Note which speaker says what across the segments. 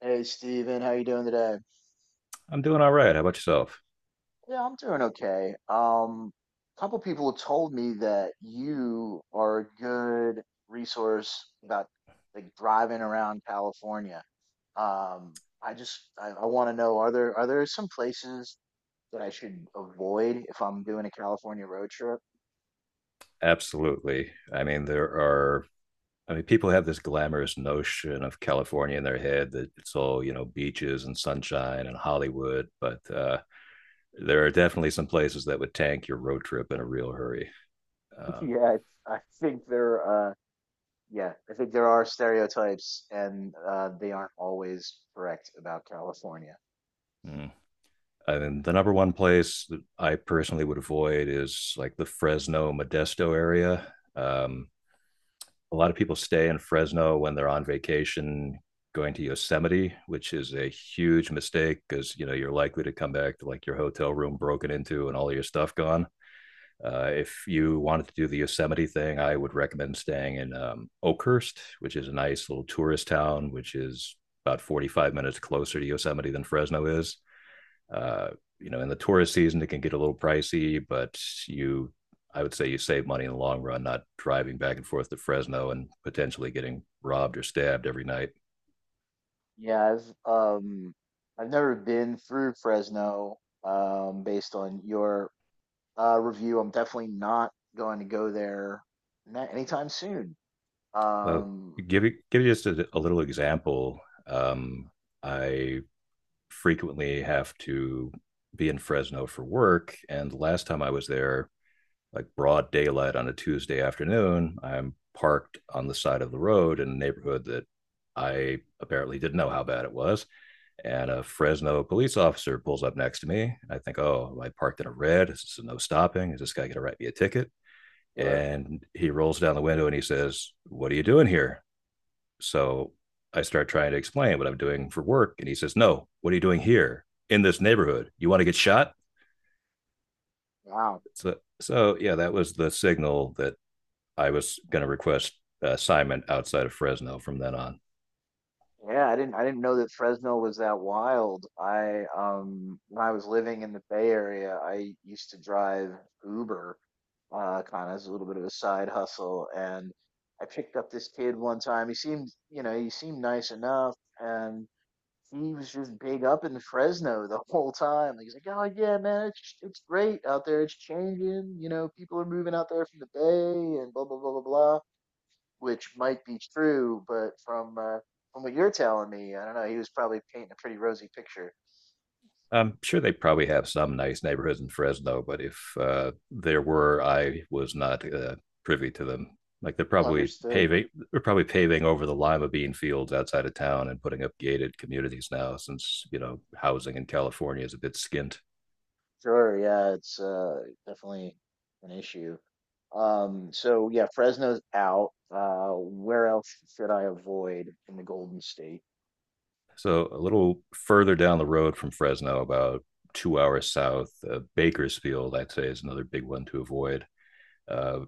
Speaker 1: Hey Steven, how you doing today?
Speaker 2: I'm doing all right. How about yourself?
Speaker 1: Yeah, I'm doing okay. A couple people told me that you are a good resource about like driving around California. Um, I want to know are there some places that I should avoid if I'm doing a California road trip?
Speaker 2: Absolutely. I mean, there are, I mean, people have this glamorous notion of California in their head that it's all, you know, beaches and sunshine and Hollywood, but there are definitely some places that would tank your road trip in a real hurry. Um,
Speaker 1: Yeah, I think there uh yeah, I think there are stereotypes and they aren't always correct about California.
Speaker 2: mm. I mean, the number one place that I personally would avoid is like the Fresno Modesto area. A lot of people stay in Fresno when they're on vacation going to Yosemite, which is a huge mistake because you know you're likely to come back to like your hotel room broken into and all your stuff gone. If you wanted to do the Yosemite thing, I would recommend staying in Oakhurst, which is a nice little tourist town, which is about 45 minutes closer to Yosemite than Fresno is. Uh, you know, in the tourist season, it can get a little pricey, but you, I would say you save money in the long run, not driving back and forth to Fresno and potentially getting robbed or stabbed every night.
Speaker 1: Yeah, I've never been through Fresno. Based on your review, I'm definitely not going to go there anytime soon.
Speaker 2: Uh,
Speaker 1: Um,
Speaker 2: Give you just a little example. Um, I frequently have to be in Fresno for work. And the last time I was there, like broad daylight on a Tuesday afternoon, I'm parked on the side of the road in a neighborhood that I apparently didn't know how bad it was. And a Fresno police officer pulls up next to me. I think, oh, I parked in a red. This is no stopping. Is this guy going to write me a ticket?
Speaker 1: or
Speaker 2: And he rolls down the window and he says, "What are you doing here?" So I start trying to explain what I'm doing for work. And he says, "No, what are you doing here in this neighborhood? You want to get shot?"
Speaker 1: Wow,
Speaker 2: So yeah, that was the signal that I was going to request assignment outside of Fresno from then on.
Speaker 1: yeah, I didn't know that Fresno was that wild. I When I was living in the Bay Area, I used to drive Uber, kind of as a little bit of a side hustle, and I picked up this kid one time. He seemed, you know, he seemed nice enough, and he was just big up in Fresno the whole time. Like he's like, oh yeah, man, it's great out there. It's changing. You know, people are moving out there from the Bay and blah blah blah blah blah, which might be true, but from what you're telling me, I don't know. He was probably painting a pretty rosy picture.
Speaker 2: I'm sure they probably have some nice neighborhoods in Fresno, but if there were, I was not privy to them. Like
Speaker 1: Understood.
Speaker 2: they're probably paving over the lima bean fields outside of town and putting up gated communities now, since you know housing in California is a bit skint.
Speaker 1: Sure. Yeah, it's definitely an issue. So yeah, Fresno's out. Where else should I avoid in the Golden State?
Speaker 2: So a little further down the road from Fresno, about 2 hours south, Bakersfield, I'd say, is another big one to avoid. Uh,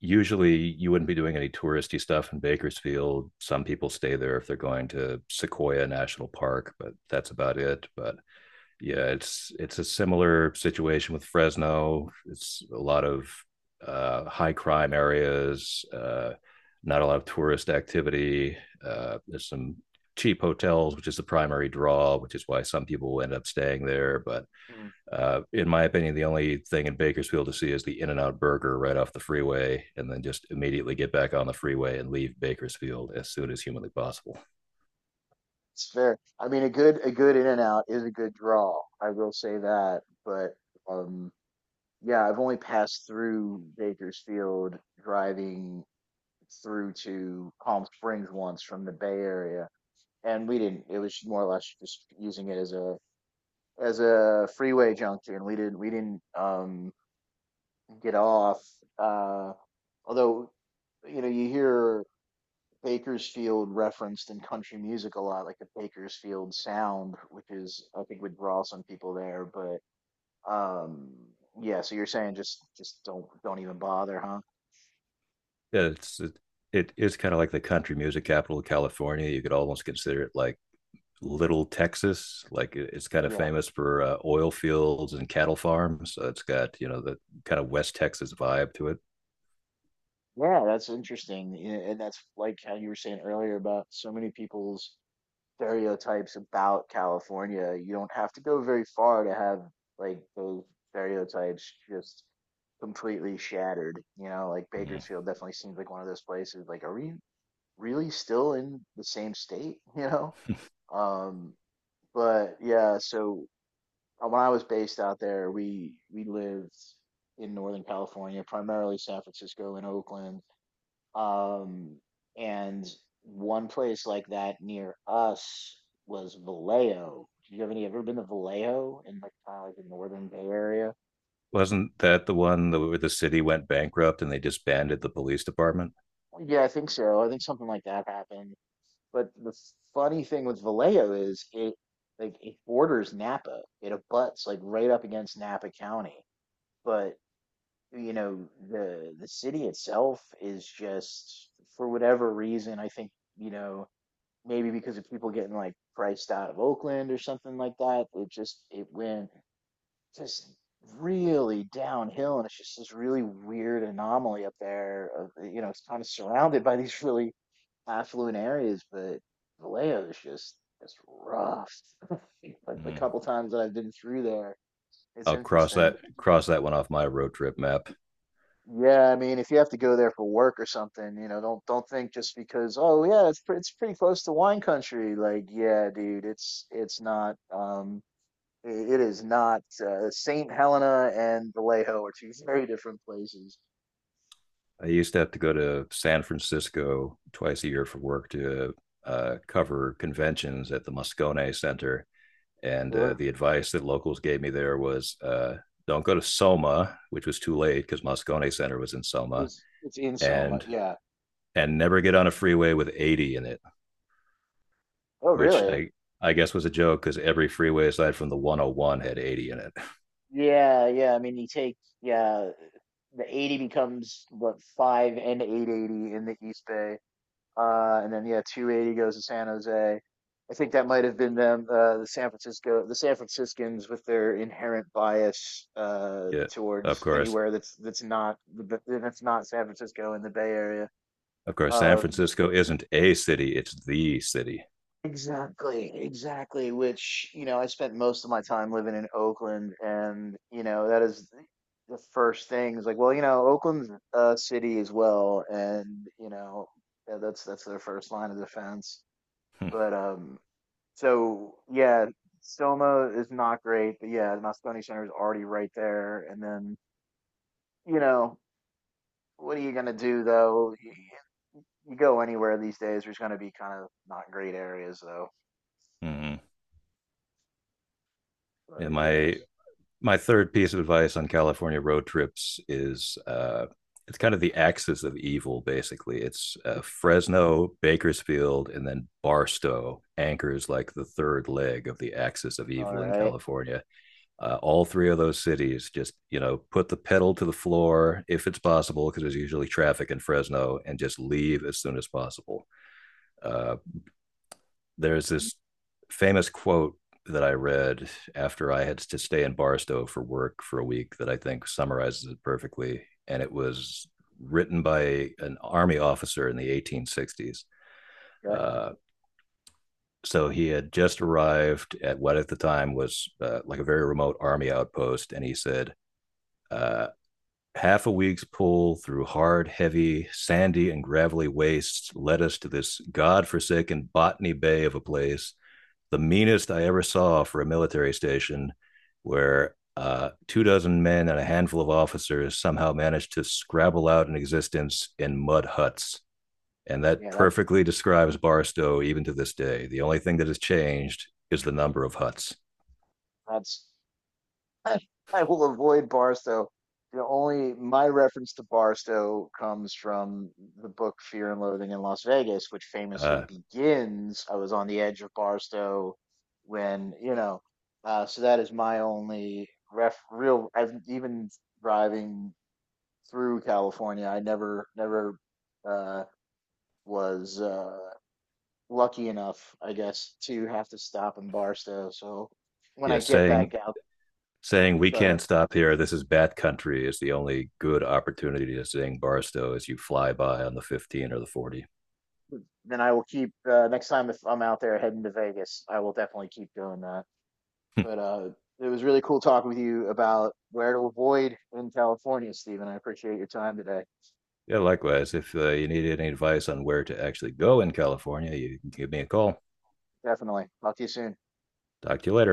Speaker 2: Usually you wouldn't be doing any touristy stuff in Bakersfield. Some people stay there if they're going to Sequoia National Park, but that's about it. But yeah, it's a similar situation with Fresno. It's a lot of high crime areas, not a lot of tourist activity. There's some cheap hotels, which is the primary draw, which is why some people end up staying there. But in my opinion, the only thing in Bakersfield to see is the In n Out Burger right off the freeway, and then just immediately get back on the freeway and leave Bakersfield as soon as humanly possible.
Speaker 1: It's fair. I mean, a good in and out is a good draw. I will say that, but um, yeah, I've only passed through Bakersfield driving through to Palm Springs once from the Bay Area, and we didn't. It was more or less just using it as a freeway junction. We didn't get off. Uh, Although you know you hear Bakersfield referenced in country music a lot, like the Bakersfield sound, which is I think would draw some people there. But um, yeah, so you're saying just don't even bother, huh?
Speaker 2: Yeah, it's it, it is kind of like the country music capital of California. You could almost consider it like Little Texas. Like it's kind of
Speaker 1: Yeah,
Speaker 2: famous for oil fields and cattle farms. So it's got, you know, the kind of West Texas vibe to it.
Speaker 1: yeah, that's interesting, yeah, and that's like how you were saying earlier about so many people's stereotypes about California. You don't have to go very far to have like those stereotypes just completely shattered. You know, like
Speaker 2: Mm.
Speaker 1: Bakersfield definitely seems like one of those places. Like, are we really still in the same state, you know. Um, but yeah, so when I was based out there, we lived in Northern California, primarily San Francisco and Oakland. Um, and one place like that near us was Vallejo. Do you have any ever been to Vallejo in like kind of like the Northern Bay Area?
Speaker 2: Wasn't that the one that- where the city went bankrupt and they disbanded the police department?
Speaker 1: Yeah, I think so. I think something like that happened. But the funny thing with Vallejo is it borders Napa. It abuts like right up against Napa County. But you know, the city itself is just for whatever reason, I think, you know, maybe because of people getting like priced out of Oakland or something like that, it went just really downhill and it's just this really weird anomaly up there of, you know, it's kind of surrounded by these really affluent areas, but Vallejo is just it's rough. Like the
Speaker 2: Mm.
Speaker 1: couple times that I've been through there, it's
Speaker 2: I'll
Speaker 1: interesting.
Speaker 2: cross that one off my road trip map.
Speaker 1: Yeah, I mean, if you have to go there for work or something, you know, don't think just because oh yeah, it's pretty close to wine country. Like yeah, dude, it's not. It is not. Saint Helena and Vallejo are two very different places.
Speaker 2: I used to have to go to San Francisco twice a year for work to cover conventions at the Moscone Center, and
Speaker 1: Sure.
Speaker 2: the advice that locals gave me there was don't go to Soma, which was too late because Moscone Center was in Soma,
Speaker 1: It's in Soma.
Speaker 2: and
Speaker 1: Yeah.
Speaker 2: and never get on a freeway with 80 in it,
Speaker 1: Oh
Speaker 2: which
Speaker 1: really?
Speaker 2: I guess was a joke because every freeway aside from the 101 had 80 in it.
Speaker 1: Yeah. I mean, you take yeah, the 80 becomes what 5 and 880 in the East Bay. And then yeah, 280 goes to San Jose. I think that might have been them the San Franciscans with their inherent bias
Speaker 2: Yeah, of
Speaker 1: towards
Speaker 2: course.
Speaker 1: anywhere that's not San Francisco in the Bay Area.
Speaker 2: Of course, San
Speaker 1: Um,
Speaker 2: Francisco isn't a city, it's the city.
Speaker 1: Exactly, exactly. Which, you know, I spent most of my time living in Oakland, and, you know, the first thing is like, well, you know, Oakland's a city as well, and, you know, yeah, that's their first line of defense.
Speaker 2: Hmm.
Speaker 1: But so yeah, Soma is not great, but yeah, the Moscone Center is already right there, and then, you know, what are you gonna do though? You go anywhere these days, there's gonna be kind of not great areas though.
Speaker 2: Mhm. Yeah,
Speaker 1: But
Speaker 2: my
Speaker 1: yes.
Speaker 2: my third piece of advice on California road trips is it's kind of the axis of evil, basically. It's Fresno, Bakersfield, and then Barstow anchors like the third leg of the axis of
Speaker 1: All
Speaker 2: evil in
Speaker 1: right.
Speaker 2: California. All three of those cities just, you know, put the pedal to the floor if it's possible, because there's usually traffic in Fresno, and just leave as soon as possible. Uh, there's this famous quote that I read after I had to stay in Barstow for work for a week that I think summarizes it perfectly. And it was written by an army officer in the 1860s.
Speaker 1: Okay.
Speaker 2: Uh, so he had just arrived at what at the time was like a very remote army outpost. And he said, uh, "Half a week's pull through hard, heavy, sandy, and gravelly wastes led us to this god-forsaken Botany Bay of a place, the meanest I ever saw for a military station, where two dozen men and a handful of officers somehow managed to scrabble out an existence in mud huts." And that
Speaker 1: Yeah, that
Speaker 2: perfectly describes Barstow even to this day. The only thing that has changed is the number of huts.
Speaker 1: that's I will avoid Barstow. The only my reference to Barstow comes from the book Fear and Loathing in Las Vegas, which famously
Speaker 2: Uh,
Speaker 1: begins I was on the edge of Barstow when, you know, so that is my only ref real I've even driving through California, I never never uh was uh lucky enough, I guess, to have to stop in Barstow. So when
Speaker 2: yeah,
Speaker 1: I get
Speaker 2: saying
Speaker 1: back out
Speaker 2: Saying, "We
Speaker 1: go
Speaker 2: can't
Speaker 1: ahead.
Speaker 2: stop here. This is bat country" is the only good opportunity to sing Barstow as you fly by on the 15 or the 40.
Speaker 1: Then I will keep next time if I'm out there heading to Vegas, I will definitely keep doing that. But it was really cool talking with you about where to avoid in California, Stephen. I appreciate your time today.
Speaker 2: Yeah, likewise. If you need any advice on where to actually go in California, you can give me a call.
Speaker 1: Definitely. Talk to you soon.
Speaker 2: Talk to you later.